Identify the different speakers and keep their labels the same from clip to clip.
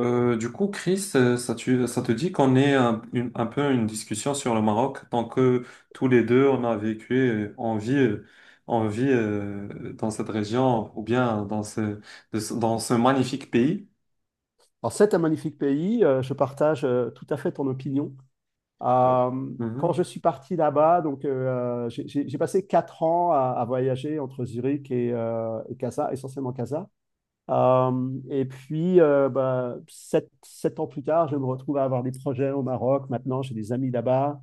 Speaker 1: Du coup, Chris, ça, ça te dit qu'on ait un peu une discussion sur le Maroc, tant que tous les deux, on a vécu, on vit dans cette région ou bien dans dans ce magnifique pays.
Speaker 2: Alors, c'est un magnifique pays, je partage tout à fait ton opinion.
Speaker 1: Euh,
Speaker 2: Euh, quand
Speaker 1: mhm,
Speaker 2: je suis parti là-bas, j'ai passé 4 ans à voyager entre Zurich et Casa, essentiellement Casa. Et puis, 7 ans plus tard, je me retrouve à avoir des projets au Maroc. Maintenant, j'ai des amis là-bas.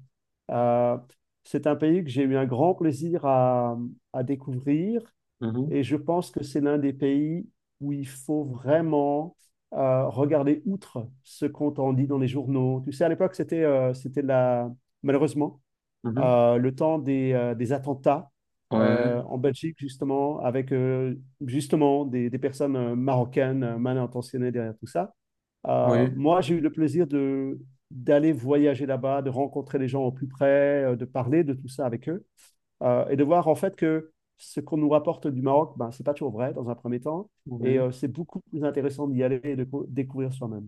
Speaker 2: Euh, c'est un pays que j'ai eu un grand plaisir à découvrir.
Speaker 1: mhm,
Speaker 2: Et je pense que c'est l'un des pays où il faut vraiment regarder outre ce qu'on t'en dit dans les journaux. Tu sais, à l'époque, c'était la... malheureusement
Speaker 1: mhm.
Speaker 2: le temps des attentats
Speaker 1: Ouais,
Speaker 2: en Belgique, justement, avec justement des personnes marocaines mal intentionnées derrière tout ça.
Speaker 1: oui,
Speaker 2: Moi, j'ai eu le plaisir de d'aller voyager là-bas, de rencontrer les gens au plus près, de parler de tout ça avec eux et de voir en fait que ce qu'on nous rapporte du Maroc, ben, ce n'est pas toujours vrai dans un premier temps.
Speaker 1: oui.
Speaker 2: C'est beaucoup plus intéressant d'y aller et de découvrir soi-même.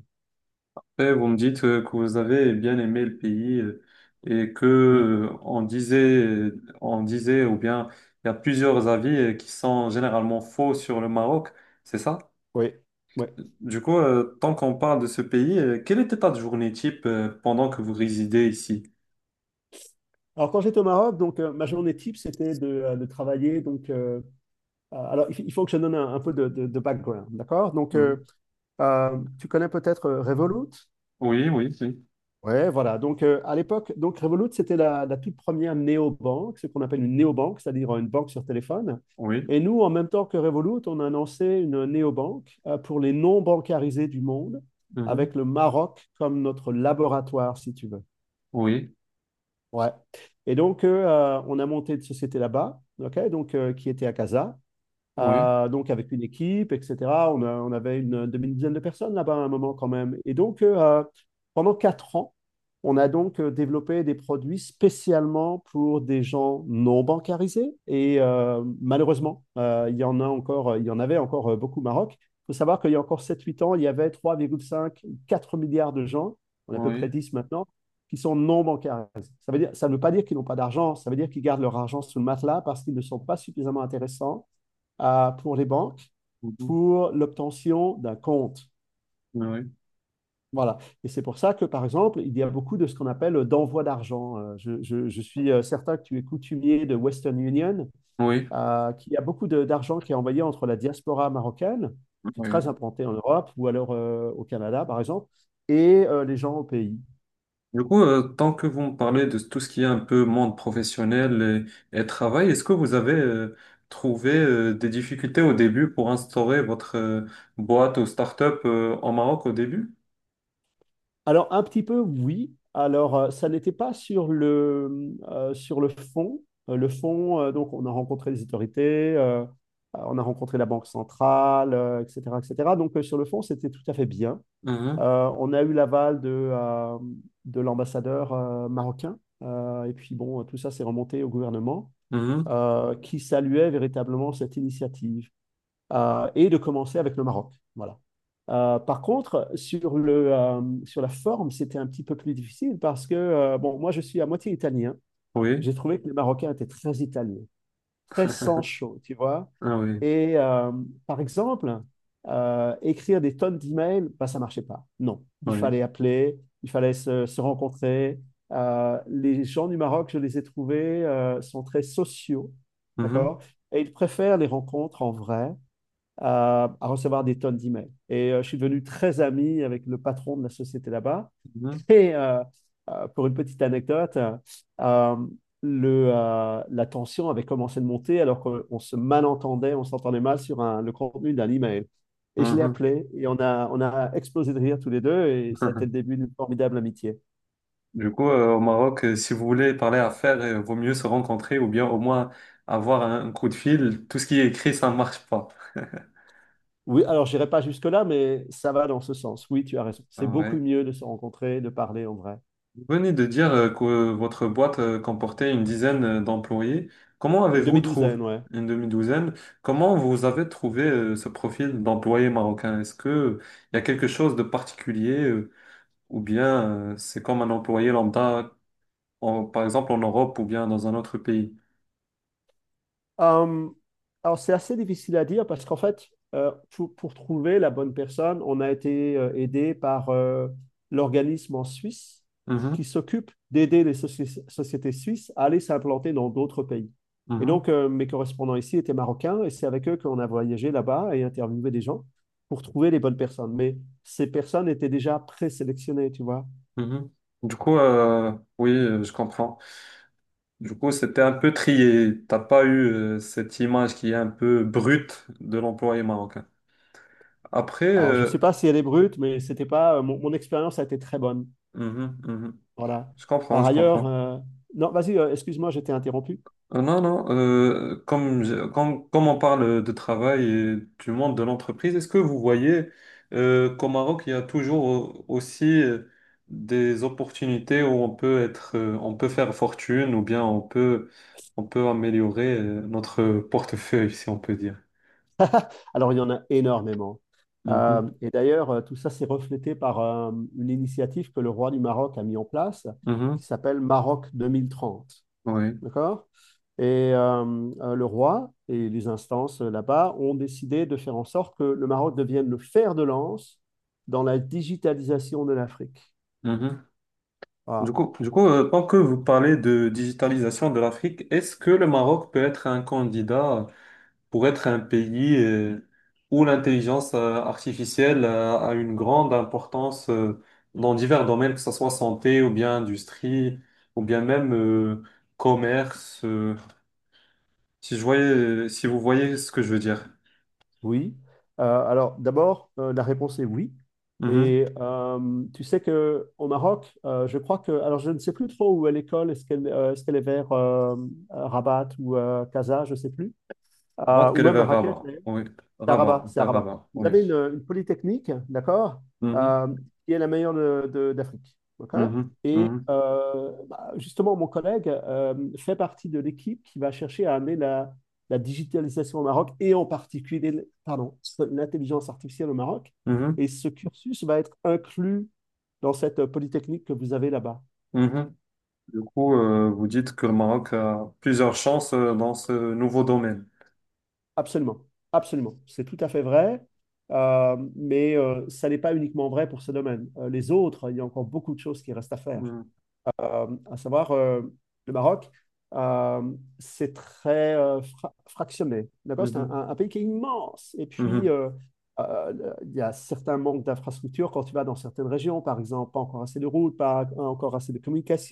Speaker 1: Et vous me dites que vous avez bien aimé le pays, et que
Speaker 2: Oui,
Speaker 1: on disait, ou bien il y a plusieurs avis qui sont généralement faux sur le Maroc, c'est ça?
Speaker 2: oui, oui.
Speaker 1: Du coup, tant qu'on parle de ce pays, quelle était ta journée type pendant que vous résidez ici?
Speaker 2: Alors, quand j'étais au Maroc, ma journée type, c'était de, travailler. Il faut que je donne un peu de background, d'accord.
Speaker 1: Mhm.
Speaker 2: Tu connais peut-être Revolut.
Speaker 1: Oui, oui, oui,
Speaker 2: Ouais, voilà. À l'époque, donc Revolut, c'était la, la toute première néobanque, ce qu'on appelle une néobanque, c'est-à-dire une banque sur téléphone.
Speaker 1: oui,
Speaker 2: Et nous, en même temps que Revolut, on a lancé une néobanque pour les non-bancarisés du monde,
Speaker 1: mhm.
Speaker 2: avec le Maroc comme notre laboratoire, si tu veux.
Speaker 1: Oui,
Speaker 2: Ouais. On a monté une société là-bas, ok, qui était à Casa
Speaker 1: oui,
Speaker 2: euh, donc avec une équipe, etc. On avait une demi-dizaine de personnes là-bas à un moment quand même. Pendant 4 ans, on a développé des produits spécialement pour des gens non bancarisés. Malheureusement, il y en a encore, il y en avait encore beaucoup au Maroc. Il faut savoir qu'il y a encore 7-8 ans, il y avait 3,5, 4 milliards de gens, on est à peu près
Speaker 1: oui,
Speaker 2: 10 maintenant, qui sont non bancarisés. Ça veut dire, ça ne veut pas dire qu'ils n'ont pas d'argent, ça veut dire qu'ils gardent leur argent sous le matelas parce qu'ils ne sont pas suffisamment intéressants pour les banques
Speaker 1: mhm.
Speaker 2: pour l'obtention d'un compte.
Speaker 1: Oui,
Speaker 2: Voilà. Et c'est pour ça que, par exemple, il y a beaucoup de ce qu'on appelle d'envoi d'argent. Je, je suis certain que tu es coutumier de Western Union,
Speaker 1: oui,
Speaker 2: qu'il y a beaucoup d'argent qui est envoyé entre la diaspora marocaine, qui est très
Speaker 1: oui.
Speaker 2: implantée en Europe, ou alors au Canada, par exemple, et les gens au pays.
Speaker 1: Du coup, tant que vous me parlez de tout ce qui est un peu monde professionnel et, travail, est-ce que vous avez trouvé des difficultés au début pour instaurer votre boîte ou start-up en Maroc au début?
Speaker 2: Alors, un petit peu, oui. Alors, ça n'était pas sur le, sur le fond. Le fond, donc, on a rencontré les autorités, on a rencontré la Banque centrale, etc., etc. Donc, sur le fond, c'était tout à fait bien.
Speaker 1: Mhm.
Speaker 2: On a eu l'aval de l'ambassadeur marocain. Et puis, bon, tout ça s'est remonté au gouvernement,
Speaker 1: Mhm.
Speaker 2: qui saluait véritablement cette initiative et de commencer avec le Maroc. Voilà. Par contre, sur, le, sur la forme, c'était un petit peu plus difficile parce que, bon, moi, je suis à moitié italien.
Speaker 1: Oui,
Speaker 2: J'ai trouvé que les Marocains étaient très italiens, très sans chaud, tu vois.
Speaker 1: ah oui,
Speaker 2: Et euh, Par exemple, écrire des tonnes d'emails, bah, ça marchait pas. Non, il
Speaker 1: oui.
Speaker 2: fallait appeler, il fallait se, se rencontrer. Les gens du Maroc, je les ai trouvés, sont très sociaux,
Speaker 1: Mhm.
Speaker 2: d'accord? Et ils préfèrent les rencontres en vrai à recevoir des tonnes d'emails. Je suis devenu très ami avec le patron de la société là-bas. Et euh, pour une petite anecdote, euh, le, la tension avait commencé de monter alors qu'on se malentendait, on s'entendait mal sur le contenu d'un email.
Speaker 1: Mhm.
Speaker 2: Et je l'ai
Speaker 1: Mhm.
Speaker 2: appelé et on a explosé de rire tous les deux et ça a été le début d'une formidable amitié.
Speaker 1: Du coup, au Maroc, si vous voulez parler affaires, vaut mieux se rencontrer ou bien au moins avoir un coup de fil. Tout ce qui est écrit, ça ne marche pas.
Speaker 2: Oui, alors je n'irai pas jusque-là, mais ça va dans ce sens. Oui, tu as raison. C'est
Speaker 1: Ah
Speaker 2: beaucoup
Speaker 1: ouais.
Speaker 2: mieux de se rencontrer, de parler en vrai.
Speaker 1: Vous venez de dire que votre boîte comportait une dizaine d'employés. Comment
Speaker 2: Une
Speaker 1: avez-vous trouvé
Speaker 2: demi-douzaine, ouais.
Speaker 1: une demi-douzaine? Comment vous avez trouvé ce profil d'employé marocain? Est-ce que il y a quelque chose de particulier ou bien c'est comme un employé lambda, par exemple en Europe ou bien dans un autre pays?
Speaker 2: Euh, alors, c'est assez difficile à dire parce qu'en fait, pour trouver la bonne personne, on a été aidé par l'organisme en Suisse
Speaker 1: Mhm,
Speaker 2: qui s'occupe d'aider les sociétés suisses à aller s'implanter dans d'autres pays.
Speaker 1: mhm.
Speaker 2: Mes correspondants ici étaient marocains et c'est avec eux qu'on a voyagé là-bas et interviewé des gens pour trouver les bonnes personnes. Mais ces personnes étaient déjà présélectionnées, tu vois.
Speaker 1: Mhm. Du coup, oui, je comprends. Du coup, c'était un peu trié. T'as pas eu cette image qui est un peu brute de l'employé marocain. Après,
Speaker 2: Alors, je ne sais pas si elle est brute, mais c'était pas, mon expérience a été très bonne.
Speaker 1: mhm, mhm.
Speaker 2: Voilà.
Speaker 1: Je comprends,
Speaker 2: Par
Speaker 1: je
Speaker 2: ailleurs,
Speaker 1: comprends.
Speaker 2: non, vas-y, excuse-moi, j'étais interrompu.
Speaker 1: Non, non, comme on parle de travail et du monde de l'entreprise, est-ce que vous voyez qu'au Maroc, il y a toujours aussi des opportunités où on peut être, on peut faire fortune ou bien on peut améliorer notre portefeuille, si on peut dire.
Speaker 2: Alors, il y en a énormément.
Speaker 1: Mhm,
Speaker 2: Et d'ailleurs, tout ça s'est reflété par une initiative que le roi du Maroc a mis en place,
Speaker 1: mhm,
Speaker 2: qui s'appelle Maroc 2030.
Speaker 1: oui,
Speaker 2: D'accord? Et euh, le roi et les instances là-bas ont décidé de faire en sorte que le Maroc devienne le fer de lance dans la digitalisation de l'Afrique.
Speaker 1: mhm. Du
Speaker 2: Voilà.
Speaker 1: coup, du coup, tant que vous parlez de digitalisation de l'Afrique, est-ce que le Maroc peut être un candidat pour être un pays où l'intelligence artificielle a une grande importance dans divers domaines, que ce soit santé ou bien industrie ou bien même commerce. Si je voyais, si vous voyez ce que je veux dire.
Speaker 2: Oui. Alors, d'abord, la réponse est oui.
Speaker 1: Mhm.
Speaker 2: Tu sais que au Maroc, je crois que, alors je ne sais plus trop où est l'école. Est-ce qu'elle est-ce qu'elle est vers Rabat ou Casa, je ne sais plus.
Speaker 1: Je pense
Speaker 2: Ou
Speaker 1: qu'elle est
Speaker 2: même
Speaker 1: vers
Speaker 2: Raquel.
Speaker 1: Rabat. Oui.
Speaker 2: C'est à
Speaker 1: Rabat,
Speaker 2: Rabat, c'est à
Speaker 1: vers
Speaker 2: Rabat.
Speaker 1: Rabat.
Speaker 2: Vous
Speaker 1: Oui.
Speaker 2: avez une polytechnique, d'accord,
Speaker 1: Mhm.
Speaker 2: euh, qui est la meilleure d'Afrique. Ok.
Speaker 1: Mhm. Mhm.
Speaker 2: Justement, mon collègue fait partie de l'équipe qui va chercher à amener la, la digitalisation au Maroc et en particulier, pardon, l'intelligence artificielle au Maroc.
Speaker 1: Mhm.
Speaker 2: Et ce cursus va être inclus dans cette polytechnique que vous avez là-bas.
Speaker 1: Mhm. Du coup, vous dites que le Maroc a plusieurs chances dans ce nouveau domaine.
Speaker 2: Absolument, absolument. C'est tout à fait vrai, mais ça n'est pas uniquement vrai pour ce domaine. Les autres, il y a encore beaucoup de choses qui restent à faire
Speaker 1: Mhm.
Speaker 2: à savoir le Maroc, euh, c'est très fractionné. D'accord? C'est
Speaker 1: Mhm.
Speaker 2: un pays qui est immense. Et puis,
Speaker 1: Mhm.
Speaker 2: euh, il y a certains manques d'infrastructures quand tu vas dans certaines régions, par exemple, pas encore assez de routes, pas encore assez de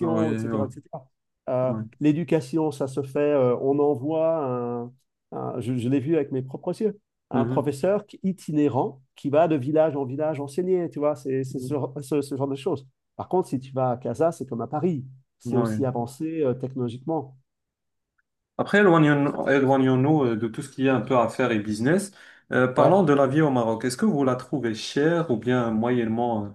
Speaker 1: Ah oui, oui,
Speaker 2: etc., etc. Euh,
Speaker 1: oui.
Speaker 2: L'éducation, ça se fait, on envoie, un je l'ai vu avec mes propres yeux, un
Speaker 1: Mhm,
Speaker 2: professeur itinérant qui va de village en village enseigner, tu vois, c'est ce,
Speaker 1: mhm,
Speaker 2: genre- ce, ce, genre de choses. Par contre, si tu vas à Casa, c'est comme à Paris. C'est aussi
Speaker 1: ouais.
Speaker 2: avancé technologiquement.
Speaker 1: Après,
Speaker 2: Très impressionnant.
Speaker 1: éloignons-nous de tout ce qui est un peu affaires et business.
Speaker 2: Ouais.
Speaker 1: Parlons de la vie au Maroc. Est-ce que vous la trouvez chère ou bien moyennement,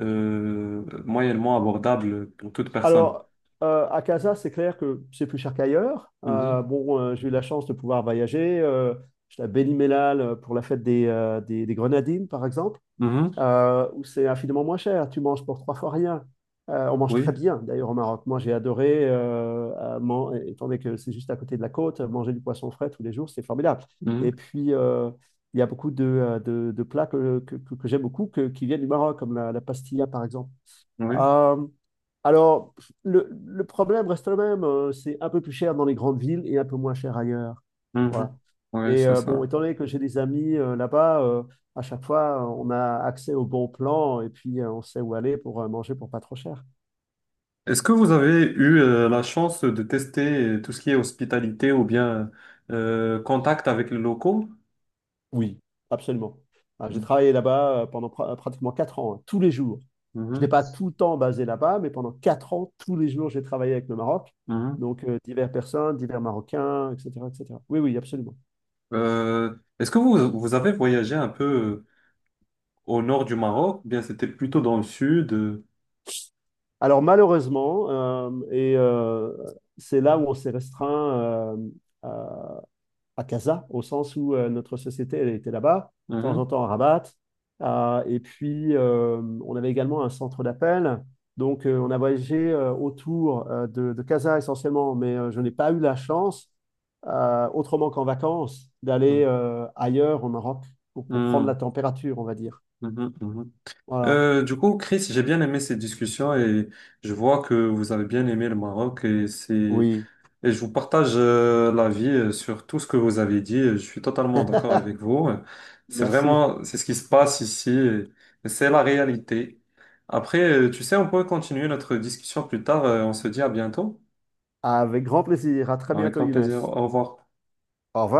Speaker 1: moyennement abordable pour toute personne?
Speaker 2: Alors, à Casa, c'est clair que c'est plus cher qu'ailleurs.
Speaker 1: Mhm,
Speaker 2: Bon, j'ai eu la chance de pouvoir voyager. J'étais à Béni Mellal pour la fête des, des Grenadines, par exemple.
Speaker 1: mhm,
Speaker 2: Où c'est infiniment moins cher. Tu manges pour trois fois rien. On mange
Speaker 1: oui,
Speaker 2: très bien, d'ailleurs, au Maroc. Moi, j'ai adoré, étant donné que c'est juste à côté de la côte, manger du poisson frais tous les jours, c'est formidable. Et
Speaker 1: mhm,
Speaker 2: puis, il y a beaucoup de, de plats que j'aime beaucoup qui viennent du Maroc, comme la pastilla, par exemple.
Speaker 1: oui,
Speaker 2: Euh, alors, le problème reste le même, c'est un peu plus cher dans les grandes villes et un peu moins cher ailleurs.
Speaker 1: mhm,
Speaker 2: Voilà.
Speaker 1: oui, c'est
Speaker 2: Bon,
Speaker 1: ça.
Speaker 2: étant donné que j'ai des amis là-bas, à chaque fois, on a accès aux bons plans et puis on sait où aller pour manger pour pas trop cher.
Speaker 1: Est-ce que vous avez eu la chance de tester tout ce qui est hospitalité ou bien contact avec les locaux?
Speaker 2: Oui, absolument. Ah, j'ai
Speaker 1: Mhm,
Speaker 2: travaillé là-bas pendant pratiquement 4 ans, hein, tous les jours. Je n'ai
Speaker 1: mhm.
Speaker 2: pas tout le temps basé là-bas, mais pendant 4 ans, tous les jours, j'ai travaillé avec le Maroc.
Speaker 1: Mhm.
Speaker 2: Donc, diverses personnes, divers Marocains, etc., etc. Oui, oui, absolument.
Speaker 1: Euh, est-ce que vous avez voyagé un peu au nord du Maroc, eh bien c'était plutôt dans le sud.
Speaker 2: Alors malheureusement, c'est là où on s'est restreint à, à Casa, au sens où notre société elle était là-bas, de temps
Speaker 1: Mhm,
Speaker 2: en temps à Rabat. Ah, et puis, on avait également un centre d'appel. Donc, on a voyagé autour de Casa essentiellement, mais je n'ai pas eu la chance, autrement qu'en vacances,
Speaker 1: mhm,
Speaker 2: d'aller ailleurs au Maroc pour prendre la température, on va dire.
Speaker 1: mhm, mhm, mhm.
Speaker 2: Voilà.
Speaker 1: Du coup, Chris, j'ai bien aimé cette discussion et je vois que vous avez bien aimé le Maroc et c'est
Speaker 2: Oui.
Speaker 1: et je vous partage l'avis sur tout ce que vous avez dit. Je suis totalement d'accord avec vous. C'est
Speaker 2: Merci.
Speaker 1: vraiment c'est ce qui se passe ici. Et c'est la réalité. Après, tu sais, on peut continuer notre discussion plus tard. On se dit à bientôt.
Speaker 2: Avec grand plaisir. À très
Speaker 1: Avec
Speaker 2: bientôt,
Speaker 1: grand
Speaker 2: Younes.
Speaker 1: plaisir. Au revoir.
Speaker 2: Au revoir.